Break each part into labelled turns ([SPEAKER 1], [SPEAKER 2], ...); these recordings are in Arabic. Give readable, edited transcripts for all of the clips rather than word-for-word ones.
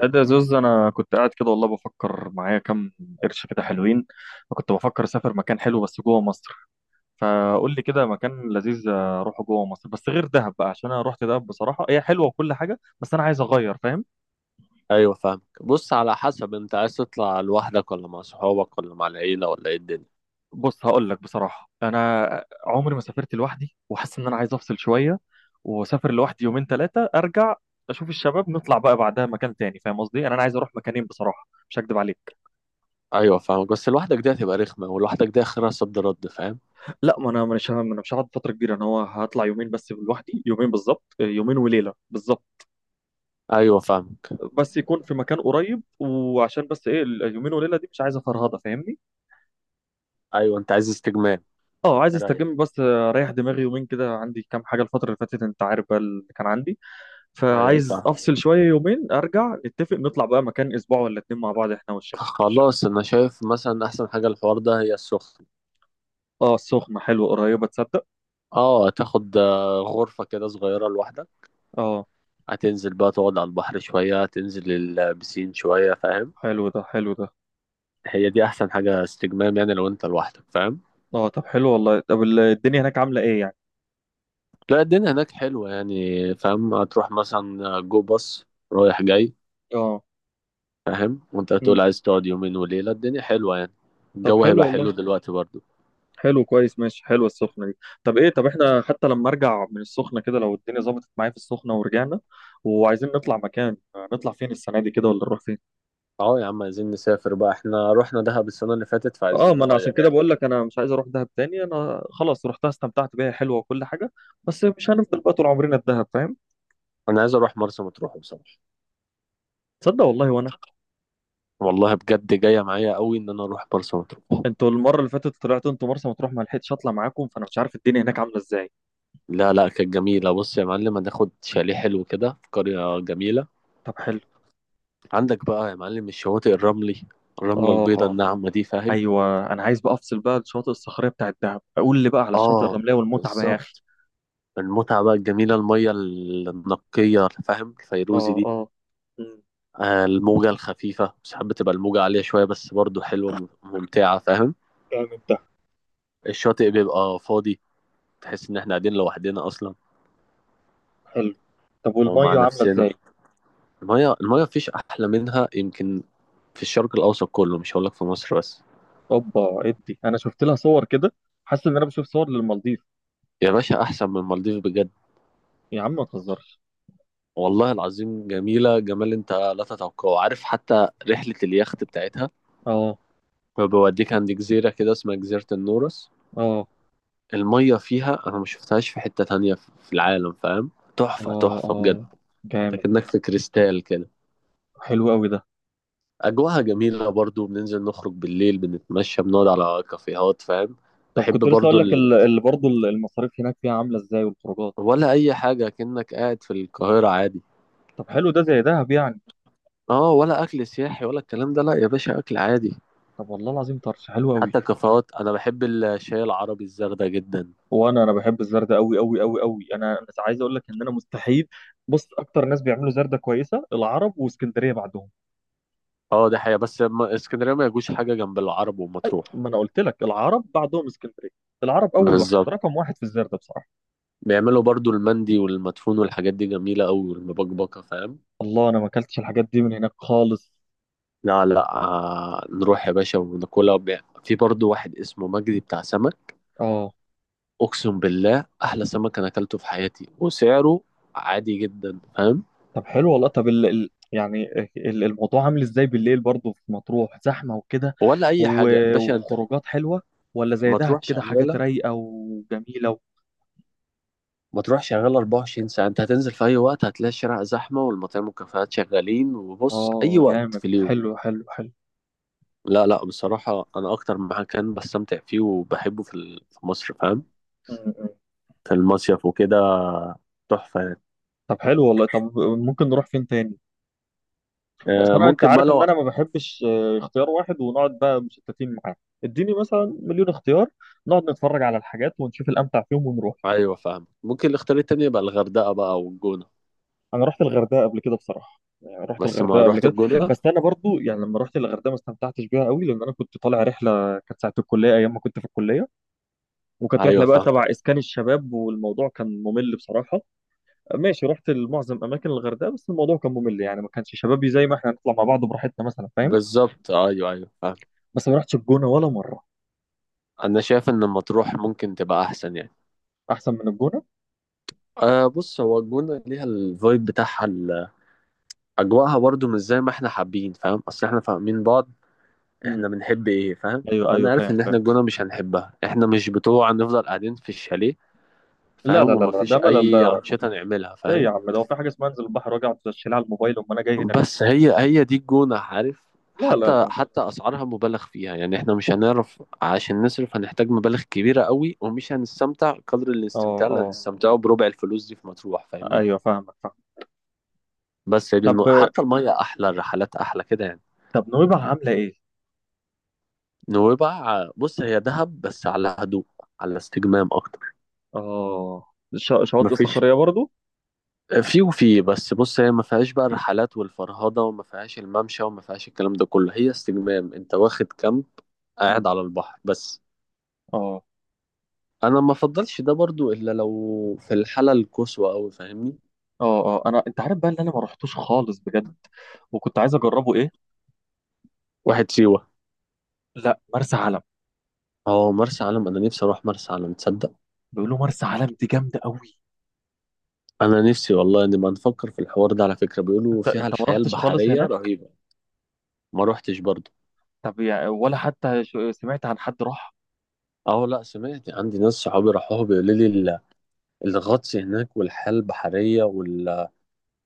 [SPEAKER 1] لا، ده زوز. انا كنت قاعد كده والله بفكر معايا كام قرش كده حلوين. فكنت بفكر اسافر مكان حلو بس جوه مصر. فقول لي كده مكان لذيذ اروحه جوه مصر بس غير دهب بقى، عشان انا رحت دهب بصراحه، هي حلوه وكل حاجه بس انا عايز اغير، فاهم؟
[SPEAKER 2] ايوه، فاهمك. بص، على حسب، انت عايز تطلع لوحدك، ولا مع صحابك، ولا مع العيله، ولا ايه الدنيا؟
[SPEAKER 1] بص، هقول لك بصراحه، انا عمري ما سافرت لوحدي وحاسس ان انا عايز افصل شويه واسافر لوحدي يومين ثلاثه ارجع اشوف الشباب، نطلع بقى بعدها مكان تاني. فاهم قصدي؟ انا عايز اروح مكانين بصراحه، مش هكدب عليك.
[SPEAKER 2] ايوه فاهمك، بس لوحدك دي هتبقى رخمه، ولوحدك دي اخرها صد رد، فاهم؟
[SPEAKER 1] لا، ما انا مش هم- انا مش هقعد فتره كبيره، انا هو هطلع يومين بس لوحدي، يومين بالظبط، يومين وليله بالظبط.
[SPEAKER 2] ايوه فاهمك.
[SPEAKER 1] بس يكون في مكان قريب، وعشان بس ايه، اليومين وليله دي مش عايزه فرهضه، فاهمني؟
[SPEAKER 2] ايوه، انت عايز استجمام،
[SPEAKER 1] اه، عايز
[SPEAKER 2] رايق.
[SPEAKER 1] استجم بس، اريح دماغي يومين كده. عندي كام حاجه الفتره اللي فاتت انت عارف بقى اللي كان عندي.
[SPEAKER 2] ايوه
[SPEAKER 1] فعايز
[SPEAKER 2] فاهم.
[SPEAKER 1] افصل شويه يومين، ارجع نتفق نطلع بقى مكان اسبوع ولا اتنين مع بعض احنا والشباب.
[SPEAKER 2] خلاص، انا شايف مثلا احسن حاجه الحوار ده هي السخنه.
[SPEAKER 1] اه، السخنه حلوه، قريبه تصدق.
[SPEAKER 2] اه، هتاخد غرفه كده صغيره لوحدك.
[SPEAKER 1] اه،
[SPEAKER 2] هتنزل بقى تقعد على البحر شويه، هتنزل البسين شويه، فاهم؟
[SPEAKER 1] حلو ده، حلو ده.
[SPEAKER 2] هي دي احسن حاجه، استجمام، يعني لو انت لوحدك، فاهم؟
[SPEAKER 1] اه، طب حلو والله. طب الدنيا هناك عامله ايه يعني؟
[SPEAKER 2] لا، الدنيا هناك حلوة يعني، فاهم؟ هتروح مثلا جو باص رايح جاي،
[SPEAKER 1] اه.
[SPEAKER 2] فاهم؟ وانت هتقول
[SPEAKER 1] مم.
[SPEAKER 2] عايز تقعد يومين وليلة، الدنيا حلوة يعني.
[SPEAKER 1] طب
[SPEAKER 2] الجو
[SPEAKER 1] حلو
[SPEAKER 2] هيبقى حلو
[SPEAKER 1] والله.
[SPEAKER 2] دلوقتي برضو.
[SPEAKER 1] حلو، كويس، ماشي، حلوه السخنه دي. طب ايه، طب احنا حتى لما ارجع من السخنه كده، لو الدنيا ظبطت معايا في السخنه ورجعنا وعايزين نطلع مكان، نطلع فين السنه دي كده، ولا نروح فين؟
[SPEAKER 2] اه يا عم، عايزين نسافر بقى، احنا رحنا دهب السنة اللي فاتت
[SPEAKER 1] اه،
[SPEAKER 2] فعايزين
[SPEAKER 1] ما انا عشان
[SPEAKER 2] نغير
[SPEAKER 1] كده
[SPEAKER 2] يعني.
[SPEAKER 1] بقول لك، انا مش عايز اروح دهب تاني. انا خلاص رحتها، استمتعت بيها، حلوه وكل حاجه بس مش هنفضل بقى طول عمرنا في دهب، فاهم؟
[SPEAKER 2] انا عايز اروح مرسى مطروح بصراحة.
[SPEAKER 1] تصدق والله، وانا.
[SPEAKER 2] والله بجد جاية معايا قوي ان انا اروح مرسى مطروح.
[SPEAKER 1] انتوا المره اللي فاتت طلعتوا انتوا مرسى مطروح، ما لحقتش اطلع معاكم، فانا مش عارف الدنيا هناك عامله ازاي.
[SPEAKER 2] لا لا، كانت جميلة. بص يا معلم، هناخد شاليه حلو كده في قرية جميلة.
[SPEAKER 1] طب حلو.
[SPEAKER 2] عندك بقى يا معلم الشواطئ الرملي، الرملة البيضاء
[SPEAKER 1] اه.
[SPEAKER 2] الناعمة دي، فاهم؟
[SPEAKER 1] ايوه، انا عايز بقى افصل بقى، الشاطئ الصخريه بتاعت دهب اقول لي بقى على الشاطئ
[SPEAKER 2] اه،
[SPEAKER 1] الرمليه والمتعه بقى يا اخي.
[SPEAKER 2] بالظبط. المتعة بقى الجميلة، المية النقية، فاهم، الفيروزي
[SPEAKER 1] اه،
[SPEAKER 2] دي.
[SPEAKER 1] اه. مم.
[SPEAKER 2] الموجة الخفيفة، ساعات بتبقى الموجة عالية شوية بس برضو حلوة، ممتعة، فاهم؟
[SPEAKER 1] جامد ده.
[SPEAKER 2] الشاطئ بيبقى فاضي، تحس إن إحنا قاعدين لوحدنا أصلا
[SPEAKER 1] حلو. طب
[SPEAKER 2] ومع
[SPEAKER 1] والميه عامله
[SPEAKER 2] نفسنا.
[SPEAKER 1] ازاي؟
[SPEAKER 2] المية مفيش أحلى منها يمكن في الشرق الأوسط كله، مش هقولك في مصر بس.
[SPEAKER 1] اوبا، ادي انا شفت لها صور كده، حاسس ان انا بشوف صور للمالديف.
[SPEAKER 2] يا باشا، أحسن من المالديف بجد.
[SPEAKER 1] يا عم ما تهزرش.
[SPEAKER 2] والله العظيم جميلة، جمال أنت لا تتوقعه. عارف حتى رحلة اليخت بتاعتها؟
[SPEAKER 1] اه،
[SPEAKER 2] بيوديك عند جزيرة كده اسمها جزيرة النورس.
[SPEAKER 1] اه.
[SPEAKER 2] المية فيها أنا ما شفتهاش في حتة تانية في العالم، فاهم؟ تحفة
[SPEAKER 1] اه،
[SPEAKER 2] تحفة بجد.
[SPEAKER 1] اه.
[SPEAKER 2] انت
[SPEAKER 1] جامد.
[SPEAKER 2] كأنك في كريستال كده.
[SPEAKER 1] حلو قوي ده.
[SPEAKER 2] أجواها جميلة برضو، بننزل نخرج بالليل، بنتمشى، بنقعد على كافيهات، فاهم؟
[SPEAKER 1] طب،
[SPEAKER 2] بحب
[SPEAKER 1] كنت لسه
[SPEAKER 2] برضو
[SPEAKER 1] اقول لك
[SPEAKER 2] ال...
[SPEAKER 1] اللي برضه المصاريف هناك فيها عامله ازاي، والخروجات؟
[SPEAKER 2] ولا أي حاجة، كأنك قاعد في القاهرة عادي.
[SPEAKER 1] طب حلو، ده زي دهب يعني.
[SPEAKER 2] اه، ولا أكل سياحي ولا الكلام ده، لا يا باشا، أكل عادي.
[SPEAKER 1] طب والله العظيم طرش حلو
[SPEAKER 2] حتى
[SPEAKER 1] قوي.
[SPEAKER 2] الكافيهات، أنا بحب الشاي العربي، الزردة جدا.
[SPEAKER 1] وانا، انا بحب الزردة قوي قوي قوي قوي. انا عايز اقول لك ان انا مستحيل. بص، اكتر ناس بيعملوا زردة كويسه العرب، واسكندريه بعدهم.
[SPEAKER 2] اه دي حقيقة، بس اسكندرية ما يجوش حاجة جنب العرب ومطروح.
[SPEAKER 1] ما انا قلت لك العرب بعدهم اسكندريه. العرب اول واحد،
[SPEAKER 2] بالظبط.
[SPEAKER 1] رقم واحد في الزردة بصراحه.
[SPEAKER 2] بيعملوا برضو المندي والمدفون والحاجات دي، جميلة أوي، والمبكبكة، فاهم؟
[SPEAKER 1] الله، انا ما اكلتش الحاجات دي من هناك خالص.
[SPEAKER 2] لا لا، آه، نروح يا باشا وناكلها. وبيع. في برضو واحد اسمه مجدي بتاع سمك.
[SPEAKER 1] اه،
[SPEAKER 2] أقسم بالله أحلى سمك أنا أكلته في حياتي، وسعره عادي جدا، فاهم؟
[SPEAKER 1] طب حلو والله. طب يعني، الموضوع عامل ازاي بالليل برضه في مطروح؟ زحمه وكده،
[SPEAKER 2] ولا أي
[SPEAKER 1] و،
[SPEAKER 2] حاجة باشا أنت.
[SPEAKER 1] وخروجات حلوه، ولا زي
[SPEAKER 2] ما
[SPEAKER 1] دهب
[SPEAKER 2] تروح
[SPEAKER 1] كده حاجات
[SPEAKER 2] شغالة،
[SPEAKER 1] رايقه وجميله و.
[SPEAKER 2] ما تروح شغالة 24 ساعة. أنت هتنزل في أي وقت هتلاقي الشارع زحمة والمطاعم والكافيهات شغالين. وبص، أي
[SPEAKER 1] اه،
[SPEAKER 2] وقت في
[SPEAKER 1] جامد،
[SPEAKER 2] اليوم.
[SPEAKER 1] حلو حلو حلو.
[SPEAKER 2] لا لا، بصراحة أنا أكتر مكان بستمتع فيه وبحبه في مصر، فاهم،
[SPEAKER 1] م- م.
[SPEAKER 2] في المصيف وكده، تحفة يعني.
[SPEAKER 1] طب حلو والله. طب ممكن نروح فين تاني؟ بس انا، انت
[SPEAKER 2] ممكن بقى
[SPEAKER 1] عارف ان
[SPEAKER 2] لو.
[SPEAKER 1] انا ما بحبش، اختيار واحد ونقعد بقى مشتتين معاه. اديني مثلا مليون اختيار، نقعد نتفرج على الحاجات ونشوف الامتع فيهم ونروح.
[SPEAKER 2] أيوة فاهم. ممكن الاختيار التاني يبقى الغردقة بقى والجونة.
[SPEAKER 1] انا رحت الغردقه قبل كده بصراحه، يعني رحت
[SPEAKER 2] بس ما
[SPEAKER 1] الغردقه قبل
[SPEAKER 2] رحت
[SPEAKER 1] كده.
[SPEAKER 2] الجونة.
[SPEAKER 1] بس انا برضو يعني لما رحت الغردقه ما استمتعتش بيها قوي، لان انا كنت طالع رحله كانت ساعه الكليه، ايام ما كنت في الكليه. وكانت
[SPEAKER 2] أيوة
[SPEAKER 1] رحله بقى
[SPEAKER 2] فاهم.
[SPEAKER 1] تبع اسكان الشباب، والموضوع كان ممل بصراحه. ماشي، رحت لمعظم اماكن الغردقه بس الموضوع كان ممل، يعني ما كانش شبابي زي ما احنا هنطلع مع بعض براحتنا مثلا، فاهم؟
[SPEAKER 2] بالظبط، أيوة أيوة فاهم.
[SPEAKER 1] بس ما رحتش الجونه ولا مره.
[SPEAKER 2] أنا شايف إن مطروح ممكن تبقى أحسن يعني.
[SPEAKER 1] احسن من الجونه؟
[SPEAKER 2] أه. بص، هو الجونة ليها الفايب بتاعها، أجواءها برضو مش زي ما إحنا حابين، فاهم؟ أصل إحنا فاهمين بعض، إحنا بنحب إيه، فاهم؟
[SPEAKER 1] ايوه
[SPEAKER 2] فأنا
[SPEAKER 1] ايوه،
[SPEAKER 2] عارف
[SPEAKER 1] فاهم
[SPEAKER 2] إن
[SPEAKER 1] فاهم.
[SPEAKER 2] إحنا الجونة مش هنحبها. إحنا مش بتوع نفضل قاعدين في الشاليه،
[SPEAKER 1] لا لا
[SPEAKER 2] فاهم،
[SPEAKER 1] لا لا،
[SPEAKER 2] ومفيش
[SPEAKER 1] ده ملل ده يا
[SPEAKER 2] أي
[SPEAKER 1] راجل.
[SPEAKER 2] أنشطة نعملها،
[SPEAKER 1] ايه
[SPEAKER 2] فاهم؟
[SPEAKER 1] يا عم ده، هو في حاجه اسمها انزل البحر واجي اقعد اشيل على الموبايل؟ امال انا جاي هنا ليه؟
[SPEAKER 2] بس هي دي الجونة، عارف؟
[SPEAKER 1] لا لا
[SPEAKER 2] حتى
[SPEAKER 1] لا.
[SPEAKER 2] حتى أسعارها مبالغ فيها يعني، إحنا مش هنعرف عشان نصرف، هنحتاج مبالغ كبيرة قوي، ومش هنستمتع قدر
[SPEAKER 1] اه
[SPEAKER 2] الاستمتاع اللي
[SPEAKER 1] اه.
[SPEAKER 2] هنستمتعه بربع الفلوس دي في مطروح، فاهمني؟
[SPEAKER 1] ايوه فاهمك، فاهم.
[SPEAKER 2] بس هي دي
[SPEAKER 1] طب،
[SPEAKER 2] النقطة. حتى المية أحلى، الرحلات أحلى كده يعني.
[SPEAKER 1] طب نويبع عامله ايه؟
[SPEAKER 2] نويبع، بص هي دهب بس على هدوء، على استجمام أكتر.
[SPEAKER 1] اه، شواطئ
[SPEAKER 2] مفيش،
[SPEAKER 1] صخريه برضو؟
[SPEAKER 2] في وفي، بس بص، هي ما فيهاش بقى الرحلات والفرهضة، وما فيهاش الممشى، وما فيهاش الكلام ده كله، هي استجمام. أنت واخد كامب، قاعد
[SPEAKER 1] مم.
[SPEAKER 2] على البحر بس.
[SPEAKER 1] اه،
[SPEAKER 2] انا ما افضلش ده برضو الا لو في الحاله القصوى قوي، فاهمني؟
[SPEAKER 1] اه. اه، انا، انت عارف بقى اللي انا ما رحتوش خالص بجد، وكنت عايز اجربه، ايه؟
[SPEAKER 2] واحد سيوه.
[SPEAKER 1] لا، مرسى علم.
[SPEAKER 2] اه، مرسى علم، انا نفسي اروح مرسى علم، تصدق؟
[SPEAKER 1] بيقولوا مرسى علم دي جامده قوي.
[SPEAKER 2] انا نفسي والله، نبقى نفكر في الحوار ده على فكره، بيقولوا
[SPEAKER 1] انت
[SPEAKER 2] فيها
[SPEAKER 1] انت ما
[SPEAKER 2] الحياه
[SPEAKER 1] رحتش خالص
[SPEAKER 2] البحريه
[SPEAKER 1] هناك؟
[SPEAKER 2] رهيبه. ما روحتش برضو.
[SPEAKER 1] طب يعني ولا حتى سمعت عن حد راح؟
[SPEAKER 2] اه، لا، سمعت. عندي ناس صحابي راحوها، بيقولوا لي الغطس هناك، والحياه البحريه، وال...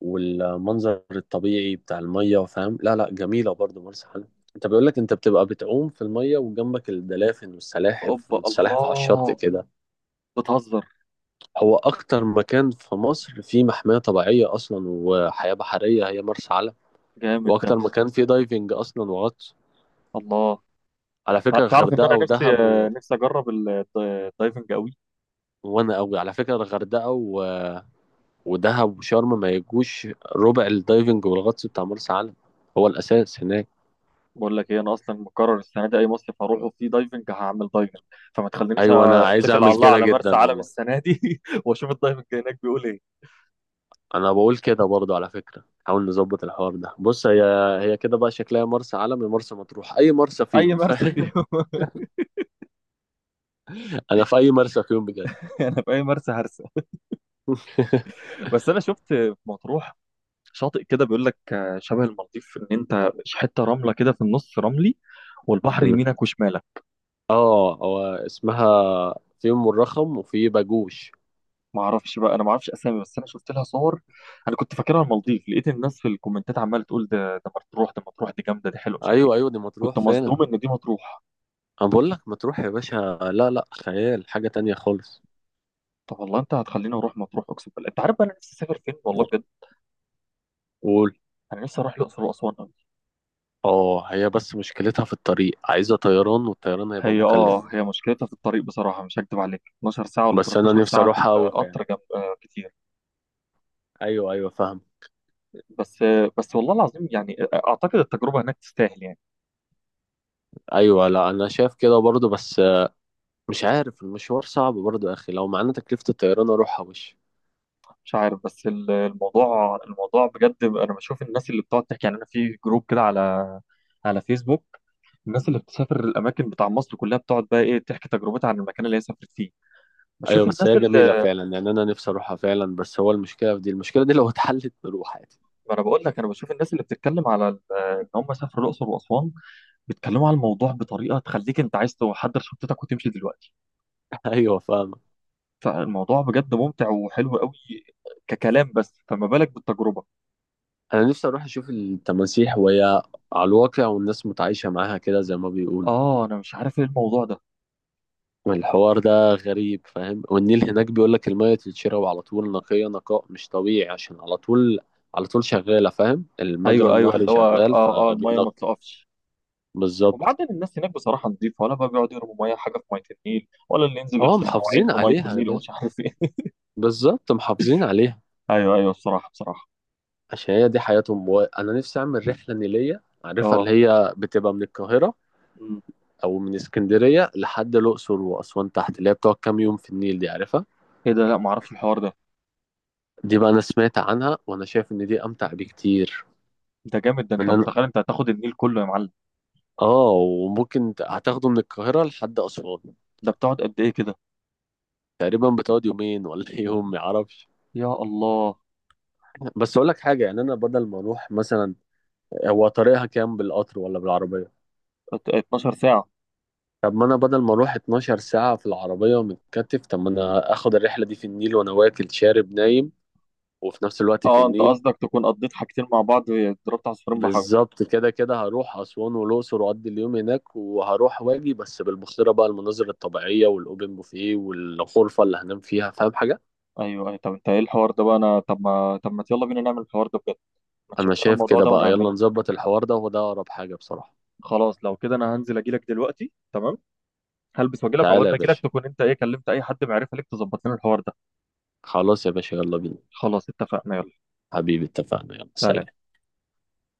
[SPEAKER 2] والمنظر الطبيعي بتاع الميه، فاهم؟ لا لا، جميله برضو مرسى علم. انت بيقول لك انت بتبقى بتعوم في الميه، وجنبك الدلافن والسلاحف،
[SPEAKER 1] اوبا،
[SPEAKER 2] والسلاحف على الشط
[SPEAKER 1] الله.
[SPEAKER 2] كده.
[SPEAKER 1] بتهزر.
[SPEAKER 2] هو أكتر مكان في مصر فيه محمية طبيعية أصلا وحياة بحرية هي مرسى علم.
[SPEAKER 1] جامد ده.
[SPEAKER 2] وأكتر مكان فيه دايفنج أصلا وغطس.
[SPEAKER 1] الله.
[SPEAKER 2] على فكرة،
[SPEAKER 1] تعرف ان
[SPEAKER 2] الغردقة
[SPEAKER 1] انا نفسي،
[SPEAKER 2] ودهب و...
[SPEAKER 1] نفسي اجرب الدايفنج قوي.
[SPEAKER 2] وأنا أوي على فكرة، الغردقة و... ودهب وشرم ما يجوش ربع الدايفنج والغطس بتاع مرسى علم. هو الأساس هناك.
[SPEAKER 1] بقول لك ايه، انا اصلا مقرر السنه دي اي مصيف هروحه فيه دايفنج هعمل دايفنج. فما تخلينيش
[SPEAKER 2] أيوة، أنا عايز
[SPEAKER 1] اتكل على
[SPEAKER 2] أعمل
[SPEAKER 1] الله
[SPEAKER 2] كده
[SPEAKER 1] على مرسى
[SPEAKER 2] جدا
[SPEAKER 1] علم
[SPEAKER 2] والله.
[SPEAKER 1] السنه دي واشوف الدايفنج هناك بيقول ايه.
[SPEAKER 2] أنا بقول كده برضه، على فكرة حاول نظبط الحوار ده. بص، هي هي كده بقى شكلها، مرسى علم يا مرسى مطروح، أي مرسى
[SPEAKER 1] اي
[SPEAKER 2] فيهم
[SPEAKER 1] مرسى فيهم
[SPEAKER 2] أنا في أي مرسى فيهم بجد.
[SPEAKER 1] انا في اي مرسى هرسى. بس انا شفت في مطروح شاطئ كده بيقول لك، شبه المالديف، ان انت حته رمله كده في النص رملي، والبحر يمينك وشمالك.
[SPEAKER 2] اه، هو اسمها، في ام الرخم وفي باجوش.
[SPEAKER 1] ما اعرفش بقى، انا ما اعرفش اسامي، بس انا شفت لها صور. انا كنت فاكرها المالديف، لقيت الناس في الكومنتات عماله تقول ده، ده مطروح ده مطروح، دي جامده، دي حلوه، مش عارف ايه.
[SPEAKER 2] ايوه ايوه، دي مطروح
[SPEAKER 1] كنت
[SPEAKER 2] فعلا.
[SPEAKER 1] مصدوم ان دي مطروح.
[SPEAKER 2] انا بقول لك مطروح يا باشا، لا لا، خيال، حاجه تانية خالص.
[SPEAKER 1] طب والله انت هتخليني اروح مطروح، اقسم بالله. انت عارف بقى انا نفسي اسافر فين والله بجد؟
[SPEAKER 2] قول.
[SPEAKER 1] انا نفسي اروح الاقصر واسوان قوي.
[SPEAKER 2] اه، هي بس مشكلتها في الطريق، عايزه طيران، والطيران هيبقى
[SPEAKER 1] هي،
[SPEAKER 2] مكلف.
[SPEAKER 1] اه، هي مشكلتها في الطريق بصراحه، مش هكدب عليك، 12 ساعه ولا
[SPEAKER 2] بس انا
[SPEAKER 1] 13
[SPEAKER 2] نفسي
[SPEAKER 1] ساعه في
[SPEAKER 2] اروحها قوي فعلا.
[SPEAKER 1] القطر، جنب، كتير.
[SPEAKER 2] ايوه ايوه فاهم.
[SPEAKER 1] بس، بس والله العظيم يعني، اعتقد التجربه هناك تستاهل يعني.
[SPEAKER 2] ايوه، لا، انا شايف كده برضه، بس مش عارف، المشوار صعب برضه يا اخي، لو معانا تكلفه الطيران اروحها وش.
[SPEAKER 1] مش عارف، بس الموضوع، الموضوع بجد، انا بشوف الناس اللي بتقعد تحكي، يعني انا في جروب كده على، على فيسبوك، الناس اللي بتسافر الاماكن بتاع مصر كلها بتقعد بقى ايه تحكي تجربتها عن المكان اللي هي سافرت فيه.
[SPEAKER 2] ايوه،
[SPEAKER 1] بشوف
[SPEAKER 2] بس
[SPEAKER 1] الناس
[SPEAKER 2] هي جميله
[SPEAKER 1] اللي،
[SPEAKER 2] فعلا يعني، انا نفسي اروحها فعلا، بس هو المشكله في دي، المشكله دي لو اتحلت نروح عادي.
[SPEAKER 1] ما انا بقول لك، انا بشوف الناس اللي بتتكلم على ان هم سافروا الاقصر واسوان، بيتكلموا على الموضوع بطريقه تخليك انت عايز تحضر شنطتك وتمشي دلوقتي.
[SPEAKER 2] ايوه فاهم.
[SPEAKER 1] فالموضوع بجد ممتع وحلو قوي، ككلام، بس فما بالك بالتجربه.
[SPEAKER 2] انا نفسي اروح اشوف التماسيح، وهي على الواقع، والناس متعايشه معاها كده زي ما بيقولوا.
[SPEAKER 1] اه، انا مش عارف ايه الموضوع ده.
[SPEAKER 2] الحوار ده غريب، فاهم؟ والنيل هناك بيقول لك الميه تتشرب على طول، نقيه نقاء مش طبيعي، عشان على طول، على طول شغاله، فاهم، المجرى
[SPEAKER 1] ايوه ايوه، اللي
[SPEAKER 2] النهري
[SPEAKER 1] هو،
[SPEAKER 2] شغال
[SPEAKER 1] اه اه، الميه ما
[SPEAKER 2] فبينقي.
[SPEAKER 1] بتقفش.
[SPEAKER 2] بالظبط.
[SPEAKER 1] وبعدين الناس هناك بصراحة نظيفة، ولا بقى بيقعدوا يرموا مياه حاجة في مية النيل، ولا اللي ينزل
[SPEAKER 2] اه،
[SPEAKER 1] يغسل مواعين
[SPEAKER 2] محافظين
[SPEAKER 1] في مية
[SPEAKER 2] عليها
[SPEAKER 1] النيل
[SPEAKER 2] ده،
[SPEAKER 1] ومش عارف ايه؟
[SPEAKER 2] بالظبط، محافظين عليها.
[SPEAKER 1] ايوه ايوه، بصراحة، بصراحة.
[SPEAKER 2] عشان هي دي حياتهم، انا نفسي اعمل رحله نيليه، عارفها اللي
[SPEAKER 1] اه.
[SPEAKER 2] هي بتبقى من القاهره،
[SPEAKER 1] أمم.
[SPEAKER 2] او من اسكندريه لحد الاقصر واسوان تحت، اللي هي بتقعد كام يوم في النيل، دي عارفها؟
[SPEAKER 1] ايه ده؟ لا، ما اعرفش الحوار ده.
[SPEAKER 2] دي بقى انا سمعت عنها، وانا شايف ان دي امتع بكتير.
[SPEAKER 1] ده جامد ده، انت
[SPEAKER 2] من أنا...
[SPEAKER 1] متخيل انت هتاخد النيل كله يا معلم؟
[SPEAKER 2] اه، وممكن هتاخده من القاهره لحد اسوان.
[SPEAKER 1] ده بتقعد قد ايه كده؟
[SPEAKER 2] تقريبا بتقعد يومين، ولا يوم، ما اعرفش.
[SPEAKER 1] يا الله.
[SPEAKER 2] بس اقول لك حاجه يعني، انا بدل ما اروح مثلا، هو طريقها كام بالقطر ولا بالعربيه؟
[SPEAKER 1] 12 ساعة.
[SPEAKER 2] طب ما انا بدل ما اروح 12 ساعه في العربيه ومتكتف، طب ما انا اخد الرحله دي في النيل وانا واكل شارب نايم، وفي نفس الوقت في
[SPEAKER 1] اه، انت
[SPEAKER 2] النيل.
[SPEAKER 1] قصدك تكون قضيت حاجتين مع بعض، ضربت عصفورين بحجر.
[SPEAKER 2] بالظبط كده، كده هروح أسوان والأقصر، وأقضي اليوم هناك، وهروح واجي بس بالبحيرة بقى، المناظر الطبيعية، والأوبن بوفيه، والغرفة اللي هنام فيها، فاهم حاجة؟
[SPEAKER 1] ايوه ايوه. طب انت ايه الحوار ده بقى، انا طب ما، يلا بينا نعمل الحوار ده بجد. ما
[SPEAKER 2] أنا
[SPEAKER 1] تشوف لنا
[SPEAKER 2] شايف
[SPEAKER 1] الموضوع
[SPEAKER 2] كده
[SPEAKER 1] ده
[SPEAKER 2] بقى، يلا
[SPEAKER 1] ونعمله.
[SPEAKER 2] نظبط الحوار ده، وده أقرب حاجة بصراحة.
[SPEAKER 1] خلاص، لو كده انا هنزل اجيلك دلوقتي، تمام. هلبس واجيلك،
[SPEAKER 2] تعالى
[SPEAKER 1] عقبال
[SPEAKER 2] يا
[SPEAKER 1] ما اجيلك
[SPEAKER 2] باشا.
[SPEAKER 1] تكون انت ايه، كلمت اي حد معرفه ليك تظبط لنا الحوار ده.
[SPEAKER 2] خلاص يا باشا، يلا بينا.
[SPEAKER 1] خلاص اتفقنا، يلا.
[SPEAKER 2] حبيبي، اتفقنا، يلا
[SPEAKER 1] سلام.
[SPEAKER 2] سلام.